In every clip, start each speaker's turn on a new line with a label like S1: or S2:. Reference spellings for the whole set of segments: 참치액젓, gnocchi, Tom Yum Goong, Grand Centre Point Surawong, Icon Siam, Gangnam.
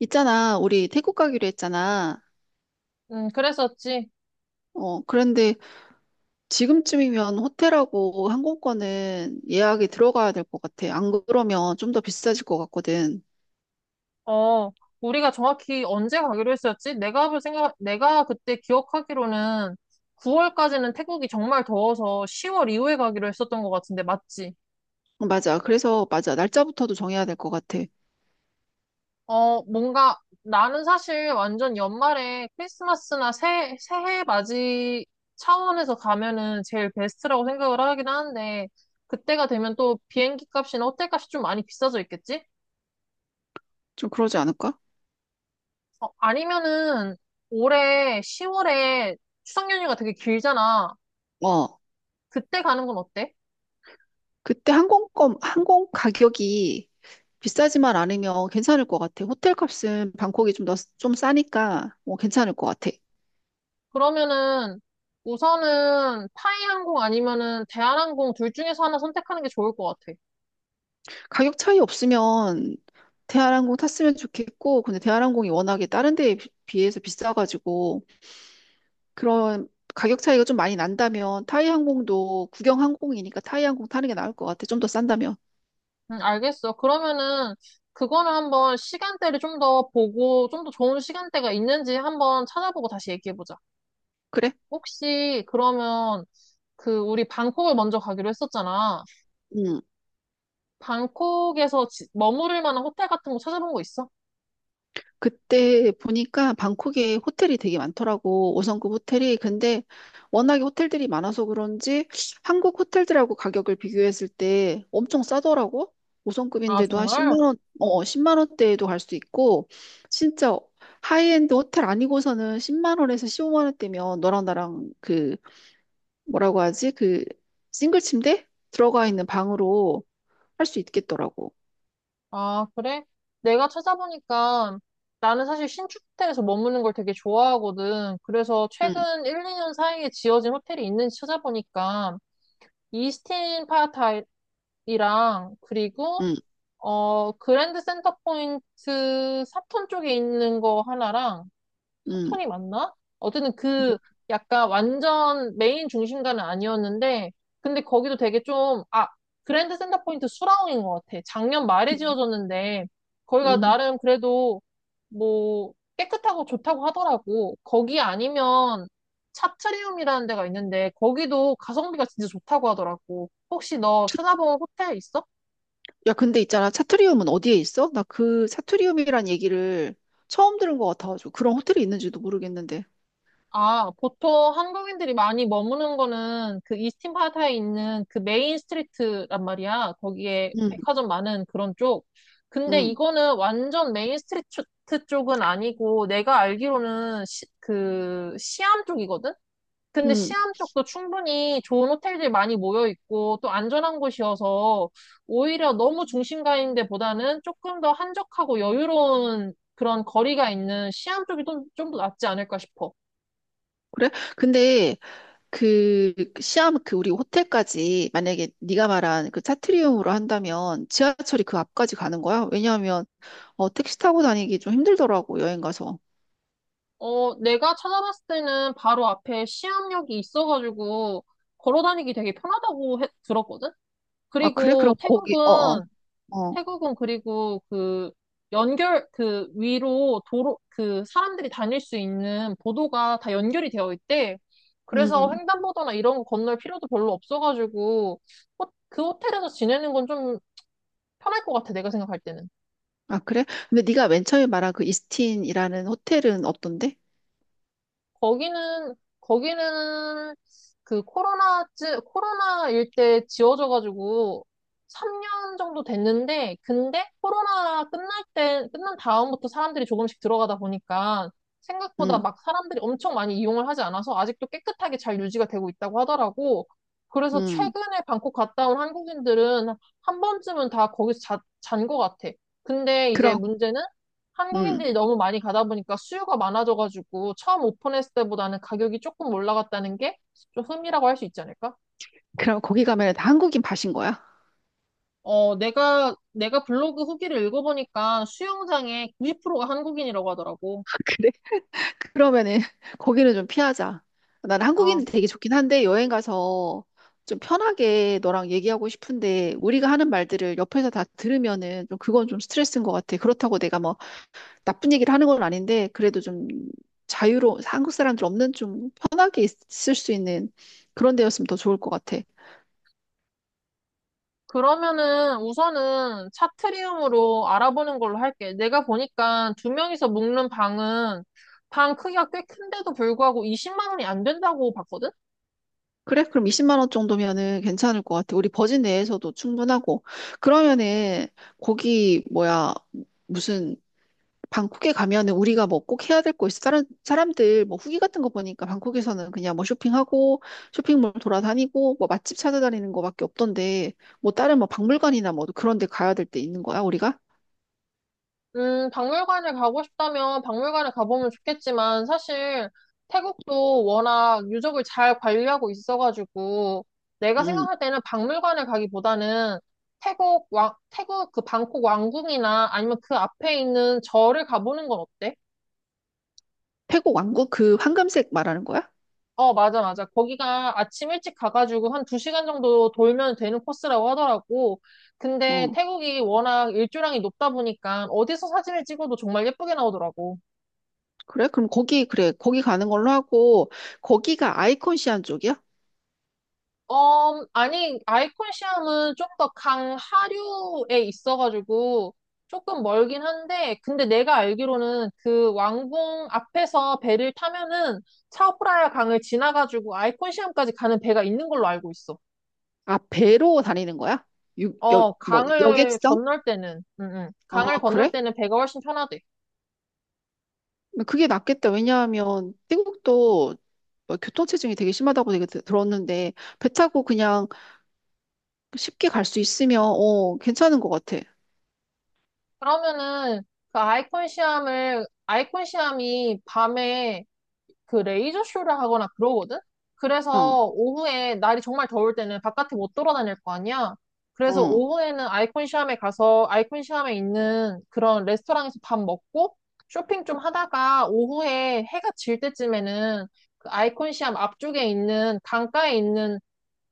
S1: 있잖아, 우리 태국 가기로 했잖아.
S2: 그랬었지.
S1: 어, 그런데 지금쯤이면 호텔하고 항공권은 예약이 들어가야 될 것 같아. 안 그러면 좀 더 비싸질 것 같거든.
S2: 어, 우리가 정확히 언제 가기로 했었지? 내가 그때 기억하기로는 9월까지는 태국이 정말 더워서 10월 이후에 가기로 했었던 것 같은데, 맞지?
S1: 어, 맞아. 그래서, 맞아. 날짜부터도 정해야 될 것 같아.
S2: 어, 뭔가 나는 사실 완전 연말에 크리스마스나 새해 맞이 차원에서 가면은 제일 베스트라고 생각을 하긴 하는데, 그때가 되면 또 비행기 값이나 호텔 값이 좀 많이 비싸져 있겠지?
S1: 좀 그러지 않을까?
S2: 어, 아니면은 올해 10월에 추석 연휴가 되게 길잖아.
S1: 어,
S2: 그때 가는 건 어때?
S1: 그때 항공 가격이 비싸지만 않으면 괜찮을 것 같아. 호텔 값은 방콕이 좀 싸니까, 괜찮을 것 같아.
S2: 그러면은 우선은 타이 항공 아니면은 대한항공 둘 중에서 하나 선택하는 게 좋을 것 같아.
S1: 가격 차이 없으면 대한항공 탔으면 좋겠고, 근데 대한항공이 워낙에 다른 데에 비해서 비싸가지고, 그런 가격 차이가 좀 많이 난다면, 타이항공도 국영항공이니까 타이항공 타는 게 나을 것 같아. 좀 더 싼다면.
S2: 응, 알겠어. 그러면은 그거는 한번 시간대를 좀 더 보고 좀 더 좋은 시간대가 있는지 한번 찾아보고 다시 얘기해보자.
S1: 그래?
S2: 혹시 그러면 그 우리 방콕을 먼저 가기로 했었잖아.
S1: 응.
S2: 방콕에서 머무를 만한 호텔 같은 거 찾아본 거 있어?
S1: 그때 보니까 방콕에 호텔이 되게 많더라고. 5성급 호텔이. 근데 워낙에 호텔들이 많아서 그런지 한국 호텔들하고 가격을 비교했을 때 엄청 싸더라고.
S2: 아,
S1: 5성급인데도 한
S2: 정말?
S1: 10만 원, 어, 10만 원대에도 갈 수 있고 진짜 하이엔드 호텔 아니고서는 10만 원에서 15만 원대면 너랑 나랑 그 뭐라고 하지? 그 싱글 침대 들어가 있는 방으로 할 수 있겠더라고.
S2: 아, 그래? 내가 찾아보니까 나는 사실 신축 호텔에서 머무는 걸 되게 좋아하거든. 그래서
S1: 응.
S2: 최근 1, 2년 사이에 지어진 호텔이 있는지 찾아보니까 이스틴 파타이랑 그리고
S1: 응.
S2: 그랜드 센터 포인트 사톤 쪽에 있는 거 하나랑
S1: 응.
S2: 사톤이 맞나? 어쨌든
S1: 응.
S2: 그 약간 완전 메인 중심가는 아니었는데, 근데 거기도 되게 좀, 아, 그랜드 센터포인트 수라웅인 것 같아. 작년 말에
S1: 응.
S2: 지어졌는데, 거기가
S1: 응.
S2: 나름 그래도 뭐 깨끗하고 좋다고 하더라고. 거기 아니면 차트리움이라는 데가 있는데, 거기도 가성비가 진짜 좋다고 하더라고. 혹시 너 찾아본 호텔 있어?
S1: 야, 근데 있잖아. 차트리움은 어디에 있어? 나 그 차트리움이란 얘기를 처음 들은 것 같아가지고 그런 호텔이 있는지도 모르겠는데.
S2: 아, 보통 한국인들이 많이 머무는 거는 그 이스틴 파타에 있는 그 메인 스트리트란 말이야. 거기에
S1: 응.
S2: 백화점 많은 그런 쪽. 근데
S1: 응.
S2: 이거는 완전 메인 스트리트 쪽은 아니고 내가 알기로는 그 시암 쪽이거든? 근데
S1: 응.
S2: 시암 쪽도 충분히 좋은 호텔들이 많이 모여 있고 또 안전한 곳이어서 오히려 너무 중심가인 데보다는 조금 더 한적하고 여유로운 그런 거리가 있는 시암 쪽이 좀더 낫지 않을까 싶어.
S1: 그래? 근데 그 시암, 그 우리 호텔까지 만약에 네가 말한 그 차트리움으로 한다면 지하철이 그 앞까지 가는 거야? 왜냐하면 택시 타고 다니기 좀 힘들더라고 여행 가서.
S2: 어, 내가 찾아봤을 때는 바로 앞에 시암역이 있어가지고 걸어 다니기 되게 편하다고 들었거든?
S1: 아, 그래?
S2: 그리고
S1: 그럼 거기 어어.
S2: 태국은,
S1: 어. 어.
S2: 태국은 그리고 그 연결, 그 위로 도로, 그 사람들이 다닐 수 있는 보도가 다 연결이 되어 있대. 그래서
S1: 음.
S2: 횡단보도나 이런 거 건널 필요도 별로 없어가지고 그 호텔에서 지내는 건 좀 편할 것 같아, 내가 생각할 때는.
S1: 아, 그래? 근데 네가 맨 처음에 말한 그 이스틴이라는 호텔은 어떤데?
S2: 거기는, 거기는 그 코로나일 때 지어져가지고 3년 정도 됐는데, 근데 코로나 끝난 다음부터 사람들이 조금씩 들어가다 보니까 생각보다
S1: 응.
S2: 막 사람들이 엄청 많이 이용을 하지 않아서 아직도 깨끗하게 잘 유지가 되고 있다고 하더라고. 그래서
S1: 응.
S2: 최근에 방콕 갔다 온 한국인들은 한 번쯤은 다 거기서 잔것 같아. 근데 이제
S1: 그럼,
S2: 문제는
S1: 응,
S2: 한국인들이 너무 많이 가다 보니까 수요가 많아져가지고 처음 오픈했을 때보다는 가격이 조금 올라갔다는 게 좀 흠이라고 할 수 있지 않을까?
S1: 그럼 거기 가면 다 한국인 밭인 거야?
S2: 어, 내가 블로그 후기를 읽어보니까 수영장의 90%가 한국인이라고 하더라고.
S1: 그러면은 거기는 좀 피하자. 난
S2: 아,
S1: 한국인이 되게 좋긴 한데 여행 가서 좀 편하게 너랑 얘기하고 싶은데 우리가 하는 말들을 옆에서 다 들으면은 좀, 그건 좀 스트레스인 것 같아. 그렇다고 내가 뭐 나쁜 얘기를 하는 건 아닌데 그래도 좀 자유로 한국 사람들 없는 좀 편하게 있을 수 있는 그런 데였으면 더 좋을 것 같아.
S2: 그러면은 우선은 차트리움으로 알아보는 걸로 할게. 내가 보니까 두 명이서 묵는 방은 방 크기가 꽤 큰데도 불구하고 20만 원이 안 된다고 봤거든?
S1: 그래? 그럼 20만 원 정도면은 괜찮을 것 같아. 우리 버진 내에서도 충분하고. 그러면은 거기 뭐야? 무슨, 방콕에 가면은 우리가 뭐 꼭 해야 될 거 있어? 다른 사람들 뭐 후기 같은 거 보니까 방콕에서는 그냥 뭐 쇼핑하고 쇼핑몰 돌아다니고 뭐 맛집 찾아다니는 거밖에 없던데 뭐 다른 뭐 박물관이나 뭐 그런 데 가야 될 때 있는 거야, 우리가?
S2: 박물관을 가고 싶다면 박물관을 가보면 좋겠지만 사실 태국도 워낙 유적을 잘 관리하고 있어가지고 내가
S1: 음.
S2: 생각할 때는 박물관을 가기보다는 태국 그 방콕 왕궁이나 아니면 그 앞에 있는 절을 가보는 건 어때?
S1: 태국 왕국 그 황금색 말하는 거야?
S2: 어, 맞아, 맞아. 거기가 아침 일찍 가가지고 한 두시간 정도 돌면 되는 코스라고 하더라고. 근데
S1: 어.
S2: 태국이 워낙 일조량이 높다 보니까 어디서 사진을 찍어도 정말 예쁘게 나오더라고.
S1: 그래? 그럼 거기, 그래. 거기 가는 걸로 하고 거기가 아이콘 시안 쪽이야?
S2: 어, 아니, 아이콘 시험은 좀 더 강하류에 있어가지고 조금 멀긴 한데, 근데 내가 알기로는 그 왕궁 앞에서 배를 타면은 차오프라야 강을 지나가지고 아이콘 시험까지 가는 배가 있는 걸로 알고 있어.
S1: 아, 배로 다니는 거야?
S2: 어,
S1: 뭐 여객선?
S2: 응, 응.
S1: 아,
S2: 강을 건널
S1: 그래?
S2: 때는 배가 훨씬 편하대.
S1: 그게 낫겠다. 왜냐하면 태국도 뭐 교통체증이 되게 심하다고 들었는데 배 타고 그냥 쉽게 갈 수 있으면 괜찮은 것 같아.
S2: 그러면은 그 아이콘 시험이 밤에 그 레이저 쇼를 하거나 그러거든?
S1: 응.
S2: 그래서 오후에 날이 정말 더울 때는 바깥에 못 돌아다닐 거 아니야? 그래서
S1: 응.
S2: 오후에는 아이콘 시암에 가서 아이콘 시암에 있는 그런 레스토랑에서 밥 먹고 쇼핑 좀 하다가 오후에 해가 질 때쯤에는 그 아이콘 시암 앞쪽에 있는 강가에 있는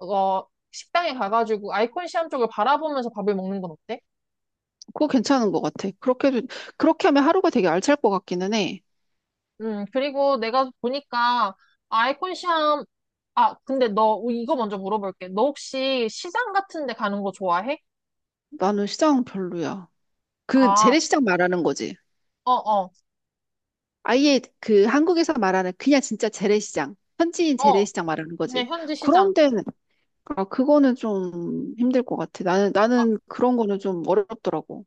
S2: 어 식당에 가가지고 아이콘 시암 쪽을 바라보면서 밥을 먹는 건 어때?
S1: 그거 괜찮은 것 같아. 그렇게 하면 하루가 되게 알찰 것 같기는 해.
S2: 그리고 내가 보니까 아이콘 시험, 아, 근데 너 이거 먼저 물어볼게. 너 혹시 시장 같은 데 가는 거 좋아해?
S1: 나는 시장 별로야. 그
S2: 아,
S1: 재래시장 말하는 거지.
S2: 어, 어,
S1: 아예 그 한국에서 말하는 그냥 진짜 재래시장, 현지인
S2: 어,
S1: 재래시장 말하는
S2: 그냥
S1: 거지.
S2: 현지 시장.
S1: 그런 데는 아, 그거는 좀 힘들 것 같아. 나는
S2: 어,
S1: 그런 거는 좀 어렵더라고.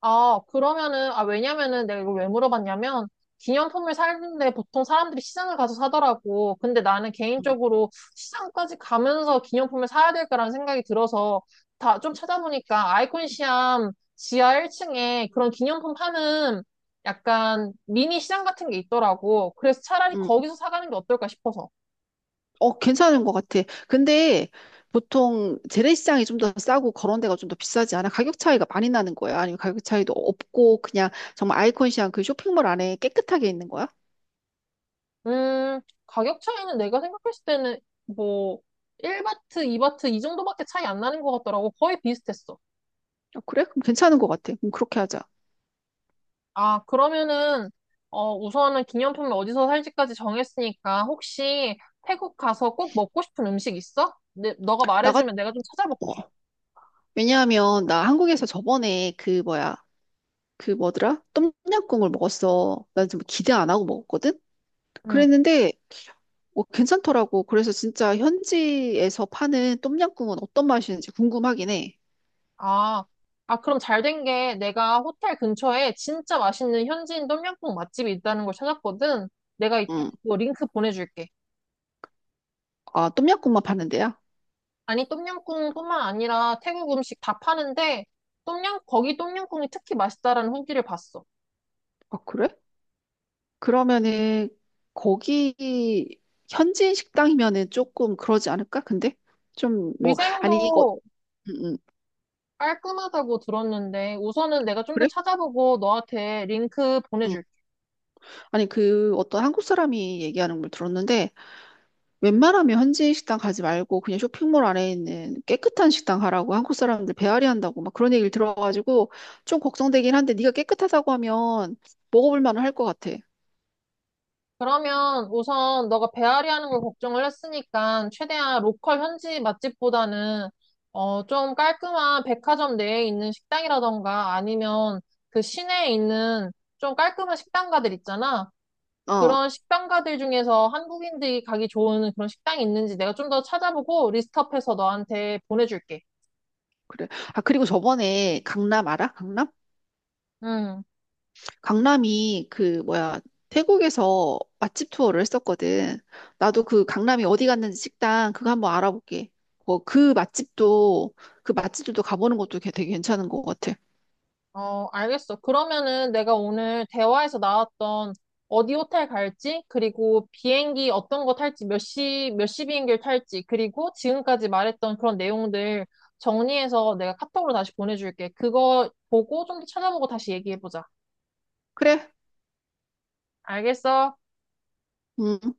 S2: 아, 그러면은, 아, 왜냐면은 내가 이걸 왜 물어봤냐면, 기념품을 사는데 보통 사람들이 시장을 가서 사더라고. 근데 나는
S1: 응.
S2: 개인적으로 시장까지 가면서 기념품을 사야 될까라는 생각이 들어서 다 좀 찾아보니까 아이콘시암 지하 1층에 그런 기념품 파는 약간 미니 시장 같은 게 있더라고. 그래서 차라리
S1: 응.
S2: 거기서 사가는 게 어떨까 싶어서.
S1: 어, 괜찮은 것 같아. 근데 보통 재래시장이 좀 더 싸고 그런 데가 좀 더 비싸지 않아? 가격 차이가 많이 나는 거야? 아니면 가격 차이도 없고 그냥 정말 아이콘 시한 그 쇼핑몰 안에 깨끗하게 있는 거야?
S2: 음, 가격 차이는 내가 생각했을 때는 뭐, 1바트, 2바트 이 정도밖에 차이 안 나는 것 같더라고. 거의 비슷했어.
S1: 어, 그래? 그럼 괜찮은 것 같아. 그럼 그렇게 하자.
S2: 아, 그러면은, 어, 우선은 기념품을 어디서 살지까지 정했으니까, 혹시 태국 가서 꼭 먹고 싶은 음식 있어? 네, 너가
S1: 나가,
S2: 말해주면 내가 좀 찾아볼게.
S1: 어. 왜냐하면 나 한국에서 저번에 그 뭐야, 그 뭐더라? 똠양꿍을 먹었어. 난 좀 기대 안 하고 먹었거든?
S2: 응.
S1: 그랬는데 괜찮더라고. 그래서 진짜 현지에서 파는 똠양꿍은 어떤 맛이는지 궁금하긴 해.
S2: 아, 아, 그럼 잘 된 게 내가 호텔 근처에 진짜 맛있는 현지인 똠양꿍 맛집이 있다는 걸 찾았거든. 내가 이따
S1: 응.
S2: 그 링크 보내줄게.
S1: 아, 똠얌꿍만 파는 데야?
S2: 아니, 똠양꿍뿐만 아니라 태국 음식 다 파는데, 거기 똠양꿍이 특히 맛있다라는 후기를 봤어.
S1: 아, 그래? 그러면은 거기 현지인 식당이면은 조금 그러지 않을까? 근데 좀, 뭐, 아니, 어,
S2: 위생도
S1: 음, 음,
S2: 깔끔하다고 들었는데 우선은 내가 좀 더
S1: 그래?
S2: 찾아보고 너한테 링크
S1: 음.
S2: 보내줄게.
S1: 아니, 그 어떤 한국 사람이 얘기하는 걸 들었는데 웬만하면 현지인 식당 가지 말고 그냥 쇼핑몰 안에 있는 깨끗한 식당 가라고, 한국 사람들 배앓이 한다고 막 그런 얘기를 들어가지고 좀 걱정되긴 한데 네가 깨끗하다고 하면 먹어볼 만은 할 것 같아.
S2: 그러면 우선 너가 배앓이 하는 걸 걱정을 했으니까 최대한 로컬 현지 맛집보다는 좀 깔끔한 백화점 내에 있는 식당이라던가 아니면 그 시내에 있는 좀 깔끔한 식당가들 있잖아.
S1: 어.
S2: 그런 식당가들 중에서 한국인들이 가기 좋은 그런 식당이 있는지 내가 좀 더 찾아보고 리스트업해서 너한테 보내줄게.
S1: 그래. 아, 그리고 저번에 강남 알아? 강남?
S2: 음.
S1: 강남이 그 뭐야, 태국에서 맛집 투어를 했었거든. 나도 그 강남이 어디 갔는지 식당 그거 한번 알아볼게. 뭐 그 맛집도 그 맛집들도 가보는 것도 되게 괜찮은 것 같아.
S2: 어, 알겠어. 그러면은 내가 오늘 대화에서 나왔던 어디 호텔 갈지, 그리고 비행기 어떤 거 탈지, 몇 시 비행기를 탈지, 그리고 지금까지 말했던 그런 내용들 정리해서 내가 카톡으로 다시 보내줄게. 그거 보고 좀 더 찾아보고 다시 얘기해보자.
S1: 그래?
S2: 알겠어?
S1: 음.